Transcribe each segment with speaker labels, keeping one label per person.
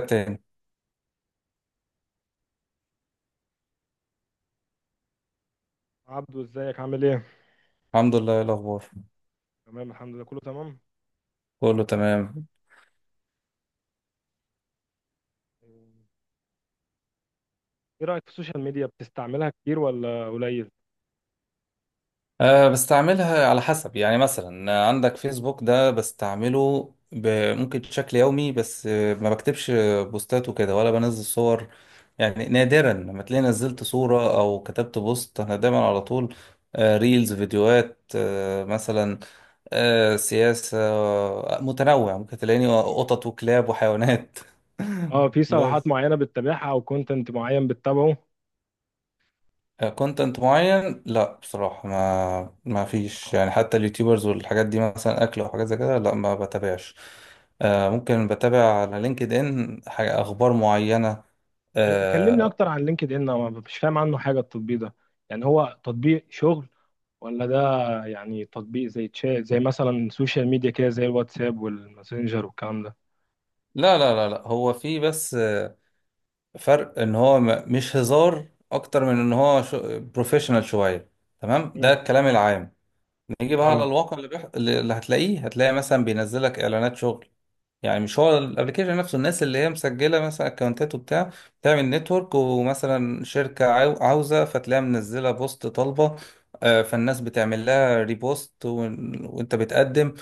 Speaker 1: تاني.
Speaker 2: عبدو، ازيك؟ عامل ايه؟
Speaker 1: الحمد لله. إيه الأخبار؟
Speaker 2: تمام، الحمد لله، كله تمام.
Speaker 1: كله تمام.
Speaker 2: ايه رأيك في السوشيال ميديا؟ بتستعملها كتير ولا قليل؟
Speaker 1: بستعملها على حسب، يعني مثلا عندك فيسبوك ده بستعمله ممكن بشكل يومي، بس ما بكتبش بوستات وكده ولا بنزل صور. يعني نادرا لما تلاقي نزلت صورة أو كتبت بوست، أنا دايما على طول ريلز، فيديوهات، مثلا سياسة، متنوع. ممكن تلاقيني قطط وكلاب وحيوانات
Speaker 2: اه، في صفحات
Speaker 1: بس.
Speaker 2: معينة بتتابعها او كونتنت معين بتتابعه؟
Speaker 1: كونتنت معين؟ لا بصراحة ما فيش، يعني حتى اليوتيوبرز والحاجات دي مثلا أكل أو حاجات زي كده، لا ما بتابعش. ممكن بتابع على لينكد إن حاجة أخبار معينة
Speaker 2: إيه، كلمني
Speaker 1: آه،
Speaker 2: اكتر عن لينكد ان، انا مش فاهم عنه حاجة. التطبيق ده يعني هو تطبيق شغل ولا ده يعني تطبيق زي تشات، زي مثلا سوشيال ميديا كده، زي الواتساب والماسنجر والكلام ده؟
Speaker 1: لا لا لا لا، هو في بس فرق إن هو مش هزار. أكتر من إن هو بروفيشنال شوية. تمام،
Speaker 2: مم.
Speaker 1: ده الكلام العام. نيجي بقى على
Speaker 2: اه،
Speaker 1: الواقع، اللي هتلاقيه، هتلاقي مثلا بينزلك إعلانات شغل. يعني مش هو الابلكيشن نفسه، الناس اللي هي مسجله مثلا اكونتات وبتاع، بتعمل نتورك. ومثلا شركه عاوزه، فتلاقيها منزله بوست طالبه فالناس بتعمل لها ريبوست وانت بتقدم.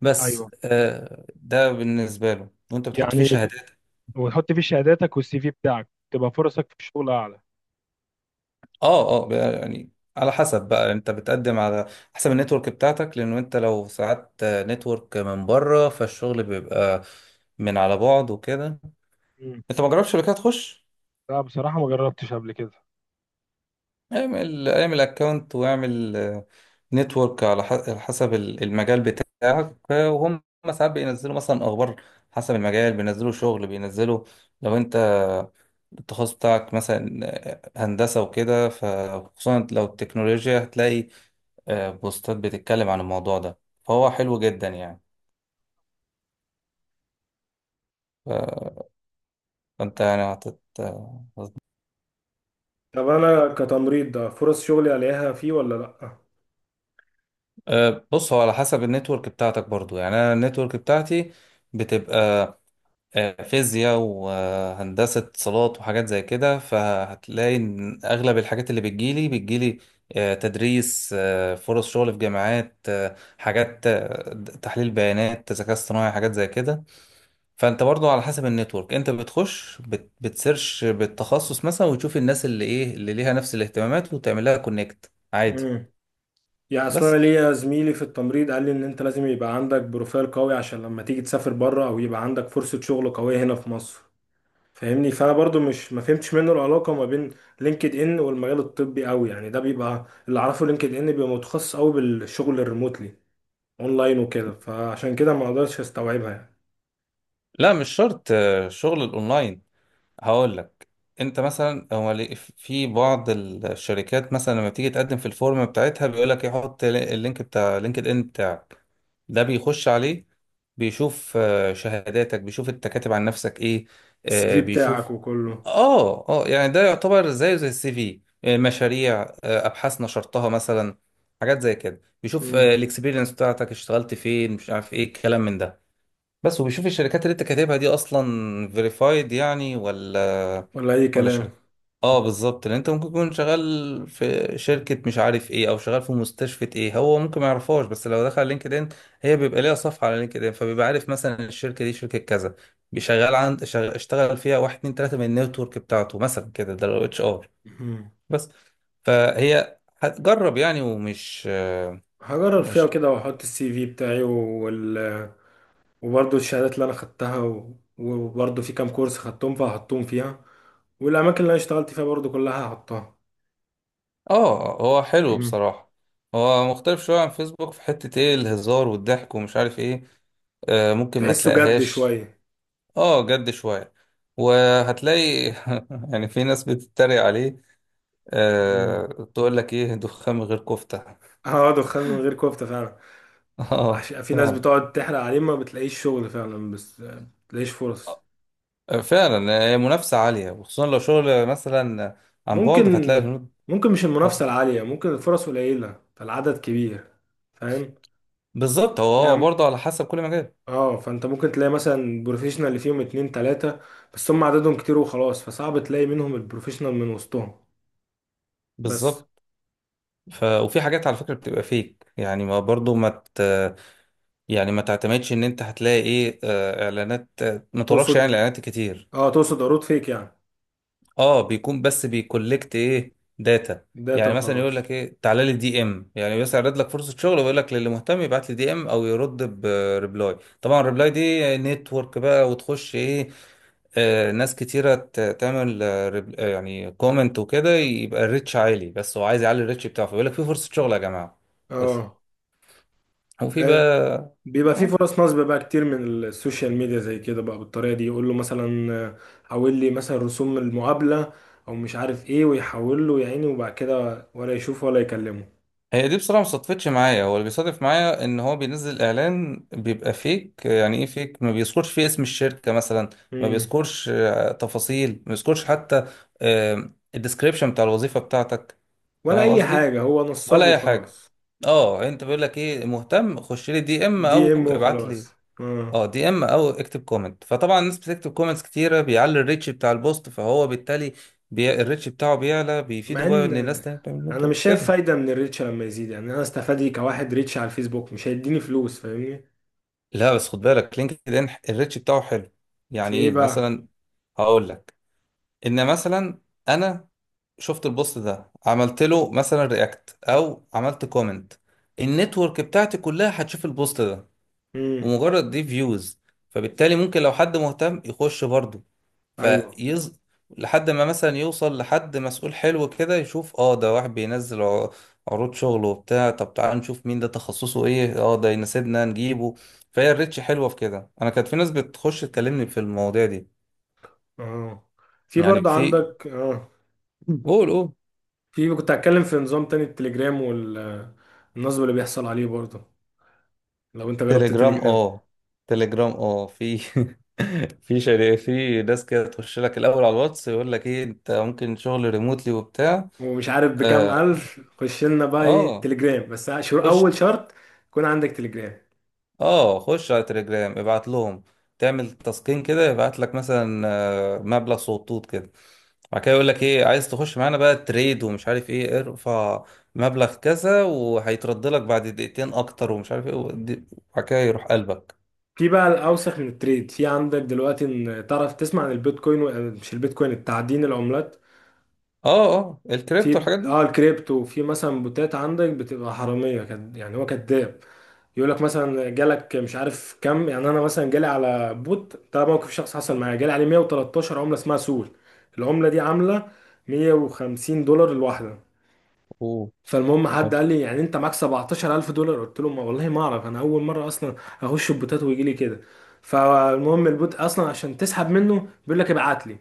Speaker 1: بس
Speaker 2: ايوه،
Speaker 1: ده بالنسبه له، وانت بتحط فيه
Speaker 2: يعني
Speaker 1: شهادات.
Speaker 2: وتحط فيه شهاداتك والسي في بتاعك تبقى فرصك في الشغل اعلى.
Speaker 1: اه اه، بقى يعني على حسب بقى انت بتقدم، على حسب النتورك بتاعتك، لانه انت لو ساعدت نتورك من بره فالشغل بيبقى من على بعد وكده.
Speaker 2: مم.
Speaker 1: انت ما جربتش شركات تخش؟
Speaker 2: لا، بصراحة ما جربتش قبل كده.
Speaker 1: اعمل اعمل اكونت واعمل نتورك على على حسب المجال بتاعك وهم ساعات بينزلوا مثلا اخبار. حسب المجال بينزلوا شغل. بينزلوا لو انت التخصص بتاعك مثلا هندسة وكده، فخصوصا لو التكنولوجيا هتلاقي بوستات بتتكلم عن الموضوع ده. فهو حلو جدا يعني. ف- فانت يعني
Speaker 2: طب انا كتمريض ده، فرص شغلي الاقيها فيه ولا لا؟
Speaker 1: بص هو على حسب النتورك بتاعتك برضو. يعني انا النتورك بتاعتي بتبقى فيزياء وهندسة اتصالات وحاجات زي كده. فهتلاقي إن أغلب الحاجات اللي بتجيلي تدريس، فرص شغل في جامعات، حاجات تحليل بيانات، ذكاء اصطناعي، حاجات زي كده. فأنت برضو على حسب النتورك، أنت بتخش بتسيرش بالتخصص مثلا، وتشوف الناس اللي إيه اللي ليها نفس الاهتمامات، وتعمل لها كونكت عادي.
Speaker 2: امم. يعني اصلا انا
Speaker 1: بس.
Speaker 2: ليا زميلي في التمريض قال لي ان انت لازم يبقى عندك بروفايل قوي عشان لما تيجي تسافر بره او يبقى عندك فرصة شغل قوية هنا في مصر، فاهمني؟ فانا برضو مش ما فهمتش منه العلاقة ما بين لينكد ان والمجال الطبي قوي، يعني ده بيبقى اللي اعرفه، لينكد ان بيبقى متخصص قوي بالشغل الريموتلي اونلاين وكده، فعشان كده ما اقدرش استوعبها يعني.
Speaker 1: لا مش شرط شغل الأونلاين. هقول لك، انت مثلا في بعض الشركات مثلا لما بتيجي تقدم في الفورم بتاعتها بيقول لك يحط اللينك بتاع لينكد ان بتاعك. ده بيخش عليه، بيشوف شهاداتك، بيشوف انت كاتب عن نفسك ايه
Speaker 2: السي في بتاعك
Speaker 1: بيشوف.
Speaker 2: وكله.
Speaker 1: اه اه يعني ده يعتبر زيه زي السي في، مشاريع، ابحاث نشرتها مثلا، حاجات زي كده. بيشوف
Speaker 2: امم.
Speaker 1: الاكسبيرينس بتاعتك، اشتغلت فين، مش عارف ايه الكلام من ده. بس. وبيشوف الشركات اللي انت كاتبها دي اصلا فيريفايد يعني، ولا
Speaker 2: ولا اي
Speaker 1: ولا شركه.
Speaker 2: كلام.
Speaker 1: اه بالظبط، لان انت ممكن تكون شغال في شركه مش عارف ايه، او شغال في مستشفى ايه هو ممكن ما يعرفهاش. بس لو دخل لينكدين، هي بيبقى ليها صفحه على لينكدين، فبيبقى عارف مثلا الشركه دي شركه كذا. بيشغل عند اشتغل فيها واحد اتنين تلاته من النتورك بتاعته مثلا كده. ده لو HR.
Speaker 2: مهم.
Speaker 1: بس. فهي هتجرب يعني. ومش
Speaker 2: هجرب فيها
Speaker 1: مش
Speaker 2: وكده واحط السي في بتاعي وبرضه الشهادات اللي انا خدتها وبرضه في كام كورس خدتهم فهحطهم فيها، والاماكن اللي انا اشتغلت فيها برضه كلها هحطها.
Speaker 1: اه هو حلو
Speaker 2: مم.
Speaker 1: بصراحة. هو مختلف شوية عن فيسبوك في حتة ايه الهزار والضحك ومش عارف ايه. ممكن ما
Speaker 2: تحسه جد
Speaker 1: تلاقيهاش.
Speaker 2: شويه.
Speaker 1: اه جد شوية. وهتلاقي يعني في ناس بتتريق عليه آه
Speaker 2: مم.
Speaker 1: تقول لك ايه؟ دخان من غير كفتة
Speaker 2: اه، دخان من غير كفته فعلا.
Speaker 1: اه
Speaker 2: عشان في ناس
Speaker 1: فعلا
Speaker 2: بتقعد تحرق عليه، ما بتلاقيش شغل فعلا، بس ما بتلاقيش فرص.
Speaker 1: فعلا منافسة عالية، وخصوصا لو شغل مثلا عن
Speaker 2: ممكن.
Speaker 1: بعد، فهتلاقي البنود.
Speaker 2: ممكن مش
Speaker 1: اه
Speaker 2: المنافسة العالية، ممكن الفرص قليلة فالعدد كبير. فاهم.
Speaker 1: بالظبط، هو
Speaker 2: يعني،
Speaker 1: برضه على حسب كل مجال.
Speaker 2: اه، فانت ممكن تلاقي مثلا بروفيشنال اللي فيهم اتنين تلاتة. بس هم عددهم كتير وخلاص، فصعب تلاقي منهم البروفيشنال من وسطهم. بس.
Speaker 1: بالظبط. وفي حاجات على فكرة بتبقى فيك، يعني ما برضه ما ت... يعني ما تعتمدش ان انت هتلاقي ايه اعلانات ما تراكش، يعني
Speaker 2: تقصد
Speaker 1: الاعلانات كتير.
Speaker 2: اه تقصد عروض فيك يعني؟
Speaker 1: اه بيكون، بس بيكولكت ايه؟ داتا.
Speaker 2: داتا
Speaker 1: يعني مثلا يقول
Speaker 2: وخلاص.
Speaker 1: لك ايه؟ تعالى لي دي ام، يعني بس يعرض لك فرصه شغل ويقول لك للي مهتم يبعت لي دي ام او يرد بريبلاي، طبعا الريبلاي دي نتورك بقى، وتخش ايه ناس كتيرة تعمل يعني كومنت وكده، يبقى الريتش عالي. بس هو عايز يعلي الريتش بتاعه فيقول لك في فرصة شغل يا جماعة. بس.
Speaker 2: اه.
Speaker 1: وفي بقى
Speaker 2: آه. بيبقى في
Speaker 1: آه.
Speaker 2: فرص نصب بقى كتير من السوشيال ميديا زي كده، بقى بالطريقة دي، يقول له مثلا حول لي مثلا رسوم المقابلة، او مش عارف ايه، ويحول له يا عيني، وبعد كده ولا يشوفه ولا يكلمه.
Speaker 1: هي دي بصراحة ما صدفتش معايا، هو اللي بيصادف معايا ان هو بينزل اعلان بيبقى فيك، يعني ايه فيك؟ ما بيذكرش فيه اسم الشركة مثلا، ما
Speaker 2: مم.
Speaker 1: بيذكرش تفاصيل، ما بيذكرش حتى الديسكريبشن بتاع الوظيفة بتاعتك.
Speaker 2: ولا
Speaker 1: فاهم
Speaker 2: اي
Speaker 1: قصدي؟
Speaker 2: حاجة، هو
Speaker 1: ولا
Speaker 2: نصاب
Speaker 1: اي حاجة.
Speaker 2: وخلاص.
Speaker 1: اه انت بيقول لك ايه؟ مهتم؟ خش لي دي ام
Speaker 2: دي
Speaker 1: او
Speaker 2: ام
Speaker 1: ابعت
Speaker 2: وخلاص.
Speaker 1: لي.
Speaker 2: اه.
Speaker 1: اه دي ام او اكتب كومنت. فطبعا الناس بتكتب كومنتس كتيرة، بيعلي الريتش بتاع البوست. فهو بالتالي الريتش بتاعه بيعلى،
Speaker 2: مع
Speaker 1: بيفيده بقى
Speaker 2: ان
Speaker 1: ان الناس تانية بتعمل
Speaker 2: انا مش
Speaker 1: نتورك
Speaker 2: شايف
Speaker 1: كده.
Speaker 2: فايدة من الريتش لما يزيد، يعني انا استفادي كواحد، ريتش على الفيسبوك مش هيديني فلوس، فاهمني؟
Speaker 1: لا بس خد بالك، لينكد ان الريتش بتاعه حلو.
Speaker 2: في
Speaker 1: يعني
Speaker 2: ايه
Speaker 1: ايه
Speaker 2: بقى؟
Speaker 1: مثلا؟ هقول لك. ان مثلا انا شفت البوست ده عملت له مثلا رياكت او عملت كومنت، النتورك بتاعتي كلها هتشوف البوست ده
Speaker 2: امم.
Speaker 1: ومجرد دي فيوز. فبالتالي ممكن لو حد مهتم يخش برضه
Speaker 2: ايوه.
Speaker 1: فيز، لحد ما مثلا يوصل لحد مسؤول حلو كده يشوف اه ده واحد بينزل عروض شغل وبتاع، طب تعال نشوف مين ده، تخصصه ايه، اه ده يناسبنا نجيبه. فهي الريتش حلوة في كده. انا كانت في ناس بتخش تكلمني في المواضيع دي.
Speaker 2: اه، في
Speaker 1: يعني
Speaker 2: برضه
Speaker 1: في،
Speaker 2: عندك، اه.
Speaker 1: قول قول.
Speaker 2: في، كنت هتكلم في نظام تاني، التليجرام والنصب اللي بيحصل عليه برضه. لو انت جربت
Speaker 1: تليجرام
Speaker 2: التليجرام؟
Speaker 1: اه. تليجرام اه. في في شركة، في ناس كده تخش لك الاول على الواتس يقول لك ايه انت ممكن شغل ريموتلي وبتاع.
Speaker 2: ومش عارف بكام الف، خش لنا بقى ايه
Speaker 1: اه
Speaker 2: تليجرام، بس
Speaker 1: خش.
Speaker 2: اول شرط يكون عندك تليجرام.
Speaker 1: اه خش على تليجرام، ابعت لهم، تعمل تسكين كده، يبعت لك مثلا مبلغ صوتوت كده. بعد كده يقول لك ايه؟ عايز تخش معانا بقى تريد ومش عارف ايه، ارفع مبلغ كذا وهيترد لك بعد دقيقتين اكتر ومش عارف ايه وبعد كده يروح قلبك.
Speaker 2: في بقى الاوسخ من التريد، في عندك دلوقتي ان تعرف تسمع عن البيتكوين مش البيتكوين، التعدين العملات.
Speaker 1: اه اه الكريبتو
Speaker 2: في،
Speaker 1: الحاجات دي.
Speaker 2: اه، الكريبتو، وفي مثلا بوتات عندك بتبقى حراميه يعني هو كذاب. يقول لك مثلا جالك مش عارف كم، يعني انا مثلا جالي على بوت ده، موقف شخص حصل معايا، جالي عليه 113 عمله اسمها سول. العمله دي عامله 150 دولار الواحده.
Speaker 1: اوه.
Speaker 2: فالمهم حد
Speaker 1: حلو.
Speaker 2: قال لي يعني انت معاك 17000 دولار، قلت له ما والله ما اعرف، انا اول مره اصلا اخش البوتات ويجي لي كده. فالمهم البوت اصلا عشان تسحب منه بيقول لك ابعت لي.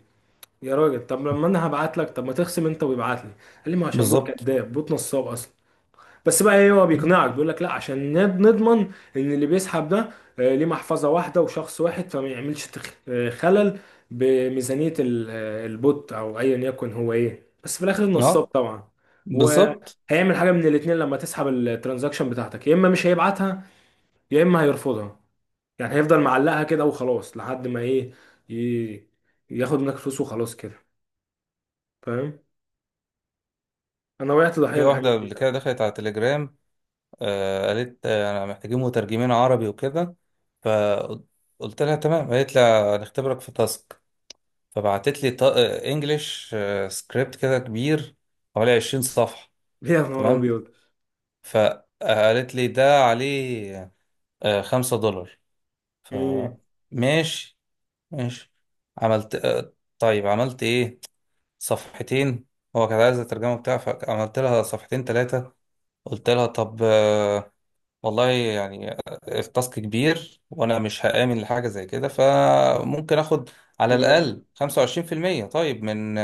Speaker 2: يا راجل، طب لما انا هبعت لك، طب ما تخصم انت ويبعت لي. قال لي ما عشان بوت
Speaker 1: بالظبط.
Speaker 2: كذاب، بوت نصاب اصلا. بس بقى ايه، هو
Speaker 1: مم.
Speaker 2: بيقنعك بيقول لك لا عشان نضمن ان اللي بيسحب ده ليه محفظه واحده وشخص واحد، فما يعملش خلل بميزانيه البوت، او ايا يكن هو ايه، بس في الاخر النصاب
Speaker 1: اه
Speaker 2: طبعا.
Speaker 1: بالظبط.
Speaker 2: وهيعمل حاجه من الاتنين، لما تسحب الترانزاكشن بتاعتك، يا اما مش هيبعتها، يا اما هيرفضها. يعني هيفضل معلقها كده وخلاص لحد ما ايه، ي- ياخد منك فلوس وخلاص كده. فاهم. انا وقعت ضحيه
Speaker 1: في
Speaker 2: للحاجات
Speaker 1: واحدة
Speaker 2: دي.
Speaker 1: قبل كده دخلت على تليجرام قالت انا محتاجين مترجمين عربي وكده. فقلت لها تمام. قالت لها هنختبرك في تاسك. فبعتت لي انجلش سكريبت كده كبير، حوالي 20 صفحة.
Speaker 2: يا نهار
Speaker 1: تمام.
Speaker 2: ابيض.
Speaker 1: فقالت لي ده عليه $5.
Speaker 2: مم.
Speaker 1: فماشي. ماشي. عملت طيب عملت ايه؟ صفحتين. هو كان عايز الترجمة بتاعها، فعملت لها صفحتين ثلاثة. قلت لها طب والله يعني التاسك كبير، وانا مش هآمن لحاجه زي كده، فممكن اخد على
Speaker 2: لا،
Speaker 1: الاقل 25%، طيب، من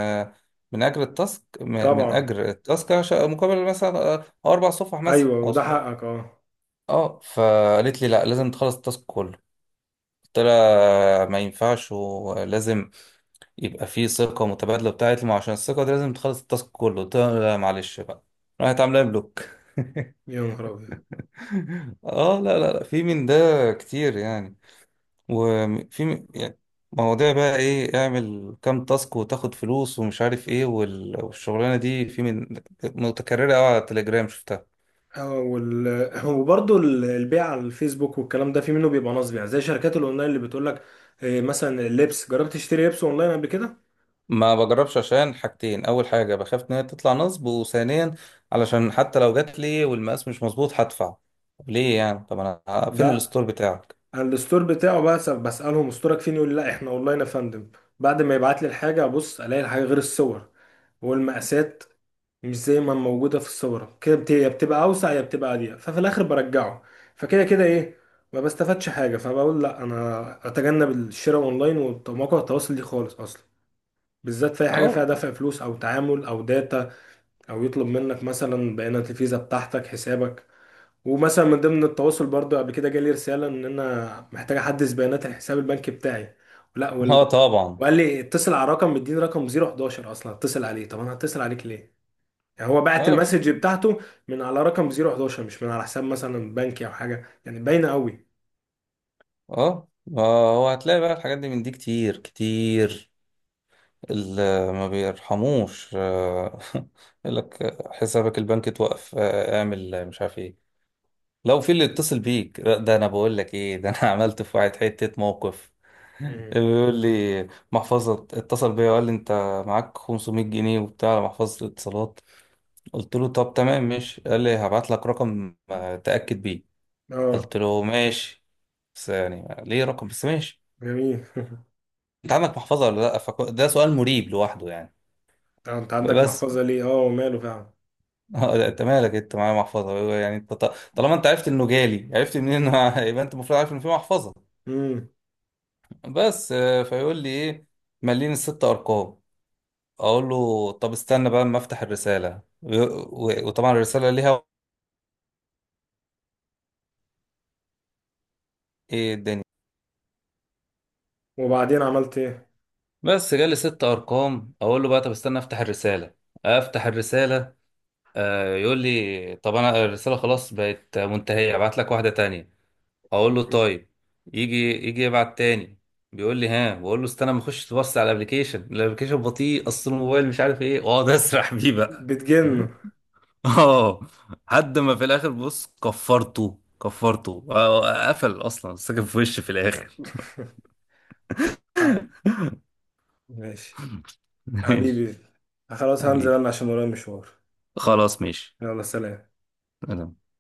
Speaker 1: من اجر التاسك، من
Speaker 2: طبعا.
Speaker 1: اجر التاسك مقابل مثلا أو اربع صفح مثلا
Speaker 2: ايوه،
Speaker 1: او
Speaker 2: وده
Speaker 1: صفحه.
Speaker 2: حقك، اه.
Speaker 1: اه فقالت لي لا، لازم تخلص التاسك كله. قلت لها ما ينفعش، ولازم يبقى فيه ثقه متبادله. بتاعت لي ما، عشان الثقه دي لازم تخلص التاسك كله. قلت لها لا معلش بقى. راحت عامله لي بلوك
Speaker 2: يا نهار ابيض.
Speaker 1: اه لا لا لا في من ده كتير يعني. وفي يعني مواضيع بقى ايه، اعمل كام تاسك وتاخد فلوس ومش عارف ايه، والشغلانه دي في من، متكرره قوي على التليجرام شفتها.
Speaker 2: وبرضه البيع على الفيسبوك والكلام ده، في منه بيبقى نصب، يعني زي شركات الاونلاين اللي بتقول لك مثلا اللبس، جربت تشتري لبس اونلاين قبل كده؟
Speaker 1: ما بجربش عشان حاجتين، اول حاجه بخاف ان هي تطلع نصب، وثانيا علشان حتى لو جات لي والمقاس مش مظبوط هدفع. طب ليه يعني؟ طب انا فين
Speaker 2: لا،
Speaker 1: الستور بتاعك؟
Speaker 2: أنا الستور بتاعه بقى بسالهم استورك فين، يقول لي لا، احنا اونلاين يا فندم. بعد ما يبعت لي الحاجه، ابص الاقي الحاجه غير الصور والمقاسات، مش زي ما موجودة في الصورة، كده يا بتبقى أوسع يا بتبقى أضيق، ففي الآخر برجعه. فكده كده إيه، ما بستفادش حاجة، فبقول لأ أنا أتجنب الشراء أونلاين ومواقع التواصل دي خالص أصلا، بالذات في أي حاجة فيها
Speaker 1: اه
Speaker 2: دفع فلوس أو تعامل أو داتا، أو يطلب منك مثلا بيانات الفيزا بتاعتك، حسابك. ومثلا من ضمن التواصل برضه، قبل كده جالي رسالة إن أنا محتاج أحدث بيانات الحساب البنكي بتاعي. لا،
Speaker 1: اه طبعا.
Speaker 2: وقال لي اتصل على رقم، مديني رقم 011 أصلا، اتصل عليه. طب أنا هتصل عليك ليه؟ هو بعت
Speaker 1: اه يا
Speaker 2: المسج
Speaker 1: باشا.
Speaker 2: بتاعته من على رقم 011، مش من على حساب مثلا بنكي او حاجه، يعني باينه قوي.
Speaker 1: اه ما هو هتلاقي بقى الحاجات دي من دي كتير كتير، اللي ما بيرحموش يقول لك حسابك البنكي اتوقف اعمل مش عارف ايه. لو في اللي يتصل بيك، لا، ده انا بقول لك ايه، ده انا عملت في واحد حتة موقف.
Speaker 2: مم.
Speaker 1: بيقول لي محفظة اتصل بيا وقال لي انت معاك 500 جنيه وبتاع على محفظة الاتصالات. قلت له طب تمام ماشي. قال لي هبعت لك رقم تأكد بيه.
Speaker 2: اه.
Speaker 1: قلت له ماشي، بس يعني ليه رقم، بس ماشي.
Speaker 2: جميل.
Speaker 1: انت عندك محفظة ولا لا؟ ده سؤال مريب لوحده يعني.
Speaker 2: طب انت عندك
Speaker 1: فبس.
Speaker 2: محفظه ليه؟ اه، وماله فعلا.
Speaker 1: اه لا، انت مالك، انت معايا محفظه هو؟ يعني انت طالما انت عرفت انه جالي، عرفت منين انه يبقى انت المفروض عارف ان في محفظه.
Speaker 2: امم.
Speaker 1: بس فيقول لي ايه؟ مليني الست ارقام. اقول له طب استنى بقى اما افتح الرساله وطبعا الرساله ليها ايه الدنيا.
Speaker 2: وبعدين عملت ايه؟
Speaker 1: بس جالي ست ارقام. اقول له بقى طب استنى افتح الرساله. افتح الرساله يقول لي طب انا الرساله خلاص بقت منتهيه، ابعت لك واحده تانية. اقول له
Speaker 2: مم.
Speaker 1: طيب. يجي، يجي يبعت تاني. بيقول لي ها. بقول له استنى ما اخش تبص على الابلكيشن، الابلكيشن بطيء، اصل الموبايل مش عارف ايه، واقعد اسرح بيه بقى
Speaker 2: بتجنه.
Speaker 1: اه لحد ما في الاخر بص كفرته، كفرته قفل اصلا، ساكن في وشي في الاخر
Speaker 2: حق. ماشي.
Speaker 1: ماشي
Speaker 2: حبيبي. خلاص، هنزل
Speaker 1: حبيبي،
Speaker 2: انا عشان ورايا مشوار. ماشي.
Speaker 1: خلاص ماشي.
Speaker 2: يلا سلام.